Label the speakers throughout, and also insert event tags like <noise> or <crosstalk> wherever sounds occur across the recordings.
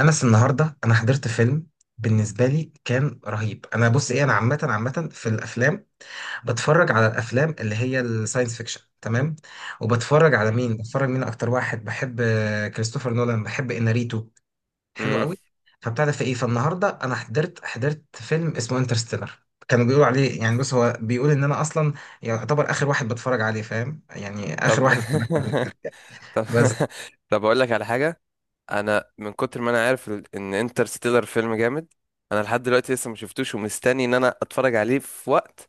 Speaker 1: انس، النهارده انا حضرت فيلم، بالنسبه لي كان رهيب. انا بص ايه، انا عامه في الافلام بتفرج على الافلام اللي هي الساينس فيكشن. تمام. وبتفرج على
Speaker 2: مم.
Speaker 1: مين اكتر واحد بحب؟ كريستوفر نولان، بحب اناريتو، حلو
Speaker 2: مم.
Speaker 1: قوي. فبتاع ده في ايه، فالنهارده انا حضرت فيلم اسمه انترستيلر، كانوا بيقولوا عليه يعني. بص، هو بيقول ان انا اصلا يعتبر اخر واحد بتفرج عليه، فاهم؟ يعني اخر
Speaker 2: طب.
Speaker 1: واحد اتفرجت عليه
Speaker 2: <laughs> طب.
Speaker 1: بس.
Speaker 2: <laughs> طب، اقول لك على حاجه. انا من كتر ما انا عارف ان انترستيلر فيلم جامد. انا لحد دلوقتي لسه ما شفتوش ومستني ان انا اتفرج عليه في وقت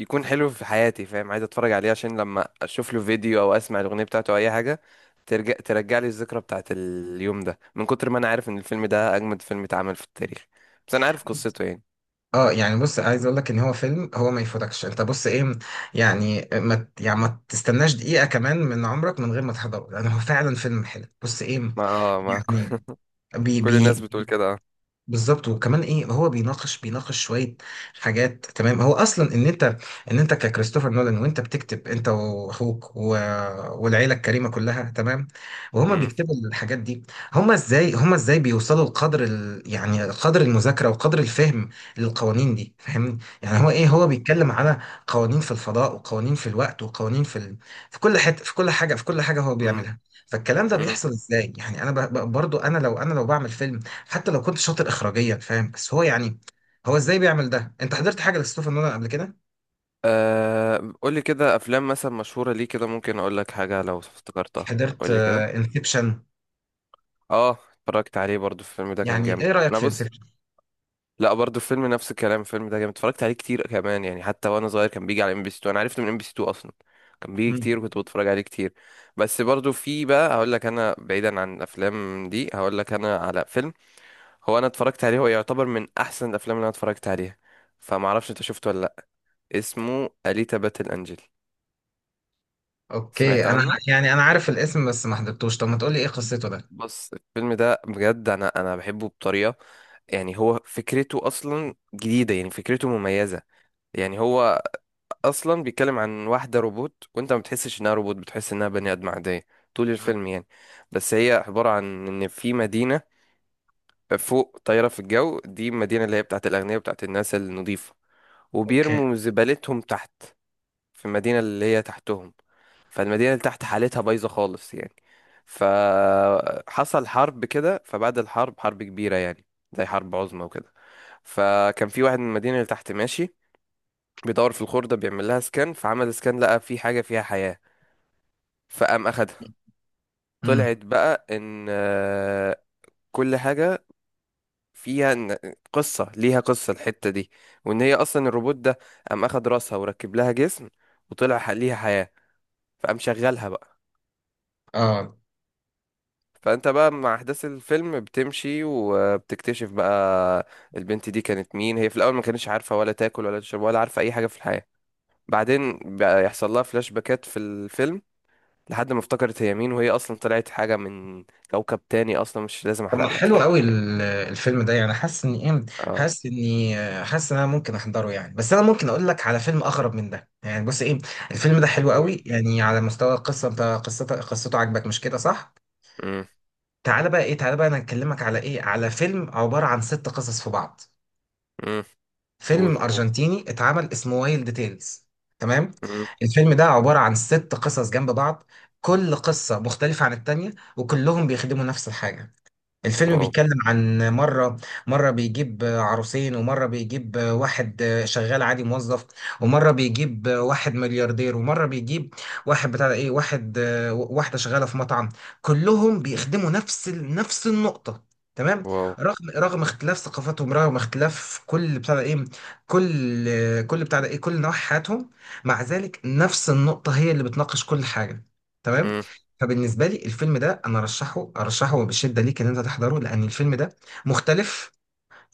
Speaker 2: يكون حلو في حياتي، فاهم. عايز اتفرج عليه عشان لما اشوف له فيديو او اسمع الاغنيه بتاعته او اي حاجه ترجع لي الذكرى بتاعت اليوم ده، من كتر ما انا عارف ان الفيلم ده اجمد فيلم اتعمل في التاريخ. بس انا عارف قصته يعني.
Speaker 1: اه يعني بص، عايز اقول لك ان هو فيلم، هو ما يفوتكش انت. بص ايه، يعني ما ت- يعني ما تستناش دقيقة كمان من عمرك من غير ما تحضره، لان هو فعلا فيلم حلو. بص ايه،
Speaker 2: ما اه ما
Speaker 1: يعني
Speaker 2: <laughs>
Speaker 1: بي
Speaker 2: كل الناس
Speaker 1: بي
Speaker 2: بتقول كده، اه.
Speaker 1: بالظبط. وكمان ايه، هو بيناقش شويه حاجات. تمام؟ هو اصلا ان انت، ان انت ككريستوفر نولان وانت بتكتب انت واخوك و... والعيله الكريمه كلها، تمام؟ وهما
Speaker 2: مم.
Speaker 1: بيكتبوا الحاجات دي، هما ازاي بيوصلوا لقدر ال... يعني قدر المذاكره وقدر الفهم للقوانين دي؟ فاهمني؟ يعني هو ايه، هو
Speaker 2: هو.
Speaker 1: بيتكلم على قوانين في الفضاء وقوانين في الوقت وقوانين في ال... في كل حته، في كل حاجه، في كل حاجه هو
Speaker 2: مم.
Speaker 1: بيعملها. فالكلام ده بيحصل ازاي يعني؟ انا برضو انا لو بعمل فيلم حتى لو كنت شاطر اخراجيا، فاهم؟ بس هو يعني، هو ازاي بيعمل ده؟ انت حضرت حاجه لكريستوفر نولان قبل كده؟
Speaker 2: أه، قولي كده افلام مثلا مشهوره ليه كده، ممكن اقول لك حاجه لو افتكرتها.
Speaker 1: حضرت
Speaker 2: قولي كده.
Speaker 1: انسبشن.
Speaker 2: اه، اتفرجت عليه برضو الفيلم ده كان
Speaker 1: يعني
Speaker 2: جامد.
Speaker 1: ايه رايك
Speaker 2: انا
Speaker 1: في
Speaker 2: بص،
Speaker 1: انسبشن؟
Speaker 2: لا، برضو الفيلم نفس الكلام، الفيلم ده جامد، اتفرجت عليه كتير كمان يعني. حتى وانا صغير كان بيجي على ام بي سي 2، انا عرفته من ام بي سي 2 اصلا. كان بيجي كتير وكنت بتفرج عليه كتير. بس برضو في بقى هقول لك انا، بعيدا عن الافلام دي هقول لك انا على فيلم هو انا اتفرجت عليه، هو يعتبر من احسن الافلام اللي انا اتفرجت عليها. فما اعرفش انت شفته ولا لا. اسمه اليتا باتل انجل.
Speaker 1: اوكي
Speaker 2: سمعت
Speaker 1: انا،
Speaker 2: عنه.
Speaker 1: يعني انا عارف الاسم بس ما حضرتوش. طب ما تقول لي ايه قصته ده.
Speaker 2: بص الفيلم ده بجد انا بحبه بطريقه يعني. هو فكرته اصلا جديده يعني، فكرته مميزه يعني. هو اصلا بيتكلم عن واحده روبوت، وانت ما بتحسش انها روبوت، بتحس انها بني ادم عاديه طول
Speaker 1: مم.
Speaker 2: الفيلم يعني. بس هي عباره عن ان في مدينه فوق طايره في الجو، دي المدينه اللي هي بتاعت الاغنياء، بتاعت الناس النظيفه.
Speaker 1: اوكي
Speaker 2: وبيرموا زبالتهم تحت في المدينه اللي هي تحتهم. فالمدينة اللي تحت حالتها بايظة خالص يعني. فحصل حرب كده، فبعد الحرب، حرب كبيرة يعني، زي حرب عظمى وكده. فكان في واحد من المدينة اللي تحت ماشي بيدور في الخردة، بيعمل لها سكان. فعمل سكان لقى في حاجة فيها حياة، فقام أخدها.
Speaker 1: امم.
Speaker 2: طلعت بقى إن، كل حاجة فيها قصة، ليها قصة الحتة دي. وإن هي أصلا الروبوت ده، قام أخد راسها وركب لها جسم، وطلع ليها حياة، فقام شغلها بقى.
Speaker 1: اه
Speaker 2: فانت بقى مع احداث الفيلم بتمشي وبتكتشف بقى البنت دي كانت مين. هي في الاول ما كانتش عارفه ولا تاكل ولا تشرب ولا عارفه اي حاجه في الحياه. بعدين بقى يحصل لها فلاش باكات في الفيلم، لحد ما افتكرت هي مين، وهي اصلا طلعت حاجه من كوكب تاني اصلا. مش لازم
Speaker 1: طب، ما
Speaker 2: احرق لك
Speaker 1: حلو
Speaker 2: يعني.
Speaker 1: قوي الفيلم ده. يعني حاسس اني ايه،
Speaker 2: اه.
Speaker 1: حاسس اني آه، حاسس ان انا ممكن احضره يعني. بس انا ممكن اقول لك على فيلم اغرب من ده يعني. بص ايه، الفيلم ده حلو
Speaker 2: قول.
Speaker 1: قوي يعني على مستوى القصه. انت قصته، قصته عجبك مش كده صح؟
Speaker 2: امم.
Speaker 1: تعالى بقى ايه، تعالى بقى انا هكلمك على ايه، على فيلم عبارة عن ست قصص في بعض.
Speaker 2: امم.
Speaker 1: فيلم
Speaker 2: قول.
Speaker 1: ارجنتيني اتعمل، اسمه وايلد تيلز. تمام.
Speaker 2: امم.
Speaker 1: الفيلم ده عبارة عن ست قصص جنب بعض، كل قصة مختلفة عن التانية، وكلهم بيخدموا نفس الحاجة. الفيلم
Speaker 2: واو.
Speaker 1: بيتكلم عن مرة، مرة بيجيب عروسين، ومرة بيجيب واحد شغال عادي موظف، ومرة بيجيب واحد ملياردير، ومرة بيجيب واحد بتاع ده ايه، واحد، واحدة شغالة في مطعم. كلهم بيخدموا نفس النقطة، تمام؟
Speaker 2: واو.
Speaker 1: رغم اختلاف ثقافاتهم، رغم اختلاف كل بتاع ده ايه، كل بتاع ده ايه، كل نواحي حياتهم، مع ذلك نفس النقطة هي اللي بتناقش كل حاجة. تمام؟
Speaker 2: امم.
Speaker 1: فبالنسبة لي الفيلم ده أنا أرشحه بشدة ليك إن أنت تحضره، لأن الفيلم ده مختلف.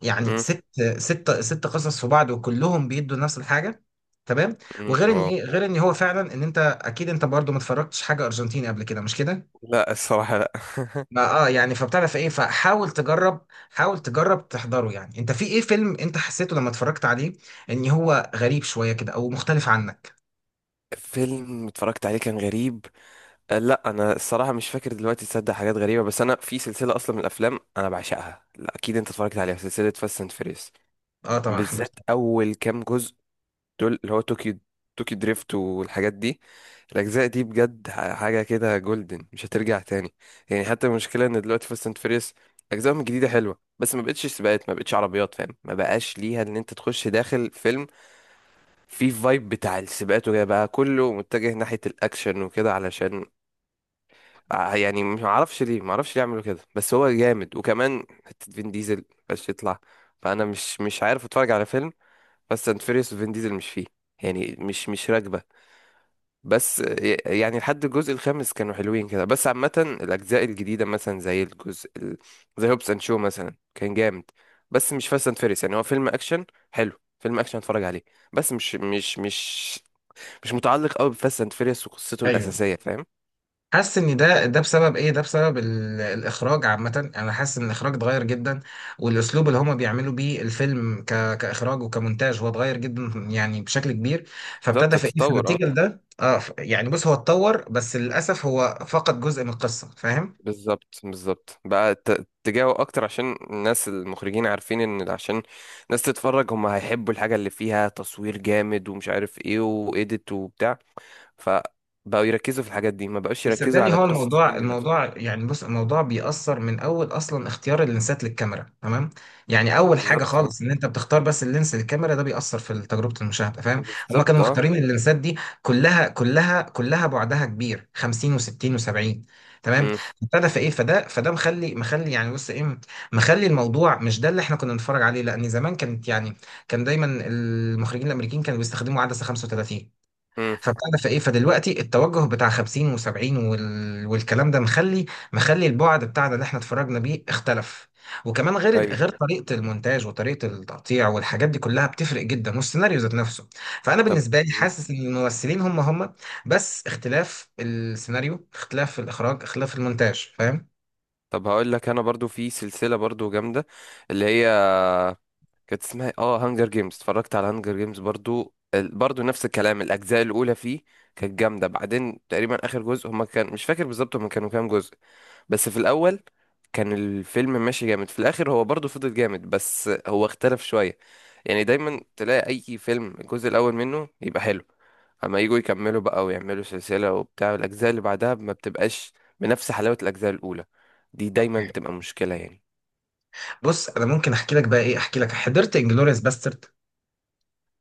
Speaker 1: يعني
Speaker 2: امم.
Speaker 1: ست قصص في بعض وكلهم بيدوا نفس الحاجة، تمام؟
Speaker 2: امم.
Speaker 1: وغير إن
Speaker 2: واو.
Speaker 1: إيه، غير إن هو فعلا إن أنت أكيد أنت برضو ما اتفرجتش حاجة أرجنتيني قبل كده، مش كده؟
Speaker 2: لا الصراحه لا. <laughs>
Speaker 1: ما أه يعني فبتعرف إيه، فحاول تجرب، حاول تجرب تحضره يعني. أنت في إيه، فيلم أنت حسيته لما اتفرجت عليه إن هو غريب شوية كده أو مختلف عنك؟
Speaker 2: فيلم اتفرجت عليه كان غريب. لا، انا الصراحه مش فاكر دلوقتي تصدق، حاجات غريبه. بس انا في سلسله اصلا من الافلام انا بعشقها، لا اكيد انت اتفرجت عليها، سلسله فاست اند فيريس.
Speaker 1: أه طبعا
Speaker 2: بالذات
Speaker 1: حضرته.
Speaker 2: اول كام جزء دول، اللي هو طوكيو، طوكيو دريفت والحاجات دي، الاجزاء دي بجد حاجه كده جولدن مش هترجع تاني. يعني حتى المشكله ان دلوقتي فاست اند فيريس اجزائهم الجديده حلوه، بس ما بقتش سباقات، ما بقتش عربيات، فاهم. ما بقاش ليها ان انت تخش داخل فيلم فيه فايب بتاع السباقات، وجاي بقى كله متجه ناحيه الاكشن وكده، علشان يعني ما اعرفش ليه، ما اعرفش ليه يعملوا كده. بس هو جامد، وكمان حته فين ديزل بس يطلع. فانا مش عارف اتفرج على فيلم بس اند فيريوس وفين ديزل مش فيه يعني، مش راكبه. بس يعني لحد الجزء الخامس كانوا حلوين كده، بس عامه الاجزاء الجديده مثلا زي الجزء زي هوبس اند شو مثلا كان جامد. بس مش فاست اند فيريوس يعني، هو فيلم اكشن حلو، فيلم اكشن اتفرج عليه. بس مش متعلق قوي بفاست اند فيريوس وقصته
Speaker 1: ايوه،
Speaker 2: الاساسيه، فاهم.
Speaker 1: حاسس ان ده بسبب ايه، ده بسبب الاخراج عامه. انا حاسس ان الاخراج اتغير جدا، والاسلوب اللي هما بيعملوا بيه الفيلم ك... كاخراج وكمونتاج هو اتغير جدا يعني بشكل كبير.
Speaker 2: بالظبط،
Speaker 1: فابتدى في ايه،
Speaker 2: التطور.
Speaker 1: فنتيجه لده اه يعني بص، هو اتطور، بس للاسف هو فقد جزء من القصه، فاهم؟
Speaker 2: بالظبط، بالظبط بقى اتجاهه اكتر عشان الناس، المخرجين عارفين ان عشان الناس تتفرج هم هيحبوا الحاجه اللي فيها تصوير جامد ومش عارف ايه وايديت وبتاع. فبقوا يركزوا في الحاجات دي، ما بقوش يركزوا
Speaker 1: صدقني
Speaker 2: على
Speaker 1: هو
Speaker 2: قصه
Speaker 1: الموضوع،
Speaker 2: الفيلم نفسه.
Speaker 1: الموضوع يعني، بص الموضوع بيأثر من أول، أصلا اختيار اللينسات للكاميرا، تمام؟ يعني أول حاجة
Speaker 2: بالظبط، اه.
Speaker 1: خالص إن أنت بتختار بس اللينس للكاميرا ده بيأثر في تجربة المشاهدة، فاهم؟ هما كانوا
Speaker 2: بالظبط، اه.
Speaker 1: مختارين اللينسات دي كلها بعدها كبير، 50 و60 و70، تمام؟
Speaker 2: امم.
Speaker 1: ابتدى في ايه، فده مخلي يعني بص ايه، مخلي الموضوع مش ده اللي احنا كنا بنتفرج عليه، لان زمان كانت يعني، كان دايما المخرجين الامريكيين كانوا بيستخدموا عدسه 35.
Speaker 2: امم.
Speaker 1: فبتعرف ايه، فدلوقتي التوجه بتاع 50 و70 وال... والكلام ده مخلي، مخلي البعد بتاعنا اللي احنا اتفرجنا بيه اختلف. وكمان غير
Speaker 2: ايوه.
Speaker 1: غير طريقه المونتاج وطريقه التقطيع والحاجات دي كلها بتفرق جدا، والسيناريو ذات نفسه. فانا
Speaker 2: طب.
Speaker 1: بالنسبه لي
Speaker 2: مم.
Speaker 1: حاسس ان الممثلين هم بس اختلاف السيناريو، اختلاف الاخراج، اختلاف المونتاج، فاهم؟
Speaker 2: طب هقول لك انا برضو في سلسله برضو جامده، اللي هي كانت اسمها إيه؟ اه، هانجر جيمز. اتفرجت على هانجر جيمز برضو، برضو نفس الكلام، الاجزاء الاولى فيه كانت جامده. بعدين تقريبا اخر جزء هما، كان مش فاكر بالظبط هما كانوا كام جزء، بس في الاول كان الفيلم ماشي جامد. في الاخر هو برضو فضل جامد بس هو اختلف شويه. يعني دايما تلاقي اي فيلم الجزء الاول منه يبقى حلو، اما يجوا يكملوا بقى ويعملوا سلسله وبتاع، الاجزاء اللي بعدها ما بتبقاش بنفس حلاوه الاجزاء الاولى. دي دايما
Speaker 1: اوكي.
Speaker 2: بتبقى مشكله يعني.
Speaker 1: بص انا ممكن احكي لك بقى ايه، احكي لك حضرت انجلوريوس باسترد؟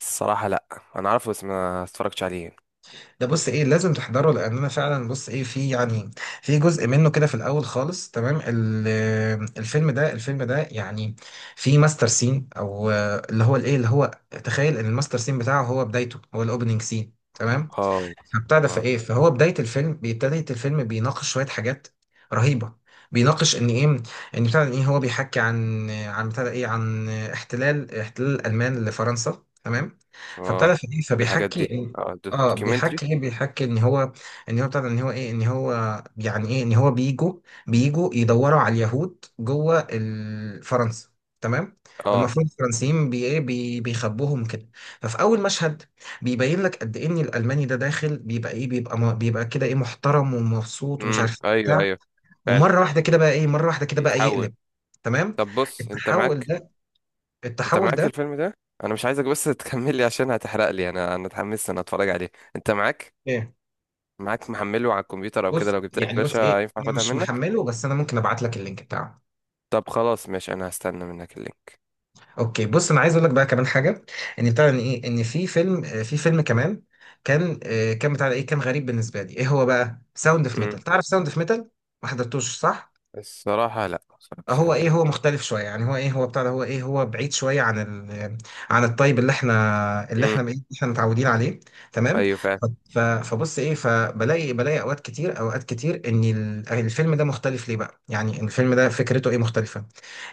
Speaker 2: الصراحه لا. انا عارفه بس ما اتفرجتش عليه يعني.
Speaker 1: ده بص ايه، لازم تحضره. لان انا فعلا بص ايه، في يعني، في جزء منه كده في الاول خالص. تمام، الفيلم ده، الفيلم ده يعني، في ماستر سين او اللي هو الايه اللي هو، تخيل ان الماستر سين بتاعه هو بدايته، هو الاوبننج سين، تمام؟
Speaker 2: اه.
Speaker 1: فبتاع ده
Speaker 2: اه.
Speaker 1: فايه، فهو بدايه الفيلم، بدايه الفيلم بيناقش شويه حاجات رهيبه. بيناقش ان ايه، ان بتاع ده ايه، هو بيحكي عن، عن بتاع ده ايه، عن احتلال، احتلال الالمان لفرنسا، تمام؟ فبتاع
Speaker 2: اه،
Speaker 1: ده فايه،
Speaker 2: بحب الحاجات دي، اه،
Speaker 1: اه
Speaker 2: دوكيومنتري.
Speaker 1: بيحكي ايه، بيحكي ان هو، ان هو بتاع ده، ان هو ايه، ان هو يعني ايه، ان هو بيجوا، بيجوا يدوروا على اليهود جوه فرنسا، تمام.
Speaker 2: اه.
Speaker 1: والمفروض الفرنسيين بي ايه بيخبوهم كده. ففي اول مشهد بيبين لك قد ايه ان الالماني ده داخل بيبقى ايه، بيبقى بيبقى كده ايه، محترم ومبسوط ومش
Speaker 2: امم.
Speaker 1: عارف إيه
Speaker 2: ايوه،
Speaker 1: بتاع.
Speaker 2: ايوه، فعلا.
Speaker 1: ومره واحده كده بقى ايه، مره واحده كده بقى
Speaker 2: يتحول.
Speaker 1: يقلب. تمام،
Speaker 2: طب بص انت
Speaker 1: التحول
Speaker 2: معاك،
Speaker 1: ده،
Speaker 2: انت
Speaker 1: التحول
Speaker 2: معاك
Speaker 1: ده
Speaker 2: الفيلم ده، انا مش عايزك بس <laughs> تكمل لي عشان هتحرق لي. انا اتحمست انا اتفرج عليه. انت معاك
Speaker 1: ايه.
Speaker 2: معاك محمله على الكمبيوتر او
Speaker 1: بص
Speaker 2: كده، لو جبت لك
Speaker 1: يعني بص ايه،
Speaker 2: باشا ينفع
Speaker 1: انا
Speaker 2: اخدها
Speaker 1: مش
Speaker 2: منك.
Speaker 1: محمله، بس انا ممكن ابعت لك اللينك بتاعه.
Speaker 2: طب خلاص ماشي انا هستنى منك اللينك.
Speaker 1: اوكي. بص انا عايز اقول لك بقى كمان حاجه، ان بتاع ان ايه، ان في فيلم في فيلم كمان كان كان بتاع ايه، كان غريب بالنسبه لي. ايه هو بقى؟ ساوند اوف
Speaker 2: امم.
Speaker 1: ميتال، تعرف ساوند اوف ميتال؟ ما حضرتوش صح؟
Speaker 2: الصراحه لا ما اتفرجتش
Speaker 1: هو
Speaker 2: عليه
Speaker 1: ايه،
Speaker 2: أوي.
Speaker 1: هو مختلف شويه يعني. هو ايه، هو بتاع ده، هو ايه، هو بعيد شويه عن ال، عن الطيب اللي احنا اللي
Speaker 2: امم.
Speaker 1: احنا، اللي احنا متعودين عليه، تمام؟
Speaker 2: ايوه فعلا.
Speaker 1: فبص ايه، فبلاقي، بلاقي اوقات كتير، اوقات كتير ان الفيلم ده مختلف ليه بقى يعني. الفيلم ده فكرته ايه مختلفه،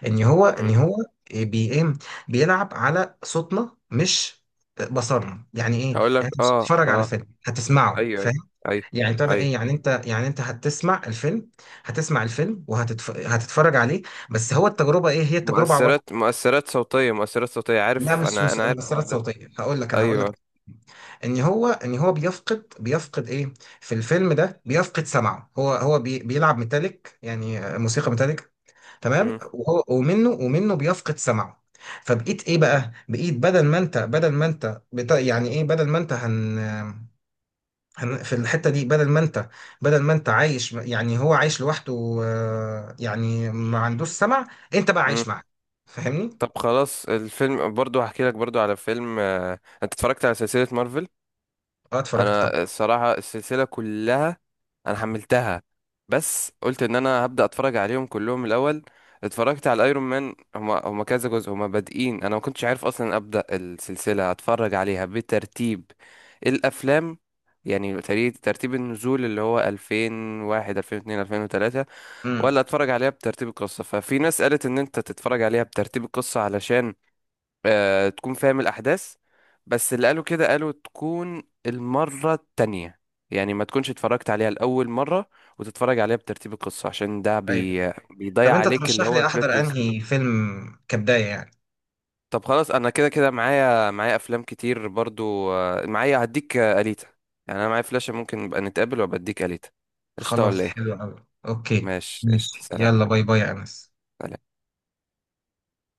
Speaker 1: ان هو،
Speaker 2: امم.
Speaker 1: ان هو إيه بي ايه، بيلعب على صوتنا مش بصرنا. يعني ايه يعني،
Speaker 2: هقول لك
Speaker 1: انت مش
Speaker 2: اه،
Speaker 1: بتتفرج على
Speaker 2: اه،
Speaker 1: فيلم، هتسمعه.
Speaker 2: ايوه ايوه، ايوه
Speaker 1: يعني ابتدى
Speaker 2: ايوه.
Speaker 1: ايه يعني، انت يعني، انت هتسمع الفيلم. هتسمع الفيلم هتتفرج عليه. بس هو التجربه ايه، هي التجربه عباره
Speaker 2: مؤثرات صوتية
Speaker 1: عن، لا
Speaker 2: عارف،
Speaker 1: مش
Speaker 2: أنا
Speaker 1: مش
Speaker 2: أنا عارف الحوار
Speaker 1: مؤثرات
Speaker 2: ده.
Speaker 1: صوتيه. هقول لك انا، هقول لك
Speaker 2: أيوه.
Speaker 1: ان هو، ان هو بيفقد ايه، في الفيلم ده بيفقد سمعه. هو هو بي بيلعب ميتاليك يعني موسيقى ميتاليك، تمام؟
Speaker 2: مم.
Speaker 1: وهو ومنه، ومنه بيفقد سمعه. فبقيت ايه بقى، بقيت بدل ما انت، بدل ما انت بتا يعني ايه، بدل ما انت هن في الحتة دي بدل ما انت، بدل ما انت عايش يعني، هو عايش لوحده يعني ما عندوش سمع، انت بقى
Speaker 2: مم.
Speaker 1: عايش معاه، فاهمني؟
Speaker 2: طب خلاص الفيلم، برضو هحكي لك برضو على فيلم، أنت اتفرجت على سلسلة مارفل.
Speaker 1: اه، اتفرجت
Speaker 2: أنا
Speaker 1: طبعا.
Speaker 2: الصراحة السلسلة كلها انا حملتها، بس قلت ان انا هبدا اتفرج عليهم كلهم الاول. اتفرجت على الايرون مان، هما كذا جزء، هما بادئين. انا ما كنتش عارف اصلا ابدا السلسله اتفرج عليها بترتيب الافلام يعني، ترتيب النزول اللي هو 2001 2002 2003،
Speaker 1: امم.
Speaker 2: ولا اتفرج عليها بترتيب القصه. ففي ناس قالت ان انت تتفرج عليها بترتيب القصه علشان تكون فاهم الأحداث. بس اللي قالوا كده قالوا تكون المرة التانية، يعني ما تكونش اتفرجت عليها لأول مرة، وتتفرج عليها بترتيب القصة عشان ده
Speaker 1: ايوه. طب
Speaker 2: بيضيع
Speaker 1: انت
Speaker 2: عليك اللي
Speaker 1: ترشح
Speaker 2: هو
Speaker 1: لي
Speaker 2: البلوت
Speaker 1: احضر
Speaker 2: تويست.
Speaker 1: انهي فيلم كبداية يعني؟
Speaker 2: طب خلاص أنا كده كده معايا أفلام كتير برضو، معايا هديك، أليتا. يعني أنا معايا فلاشة، ممكن نبقى نتقابل وأبقى أديك أليتا. قشطة
Speaker 1: خلاص
Speaker 2: ولا
Speaker 1: حلو
Speaker 2: إيه؟
Speaker 1: قوي. اوكي.
Speaker 2: ماشي قشطة
Speaker 1: ماشي
Speaker 2: سلام.
Speaker 1: يلا، باي باي يا انس.
Speaker 2: سلام.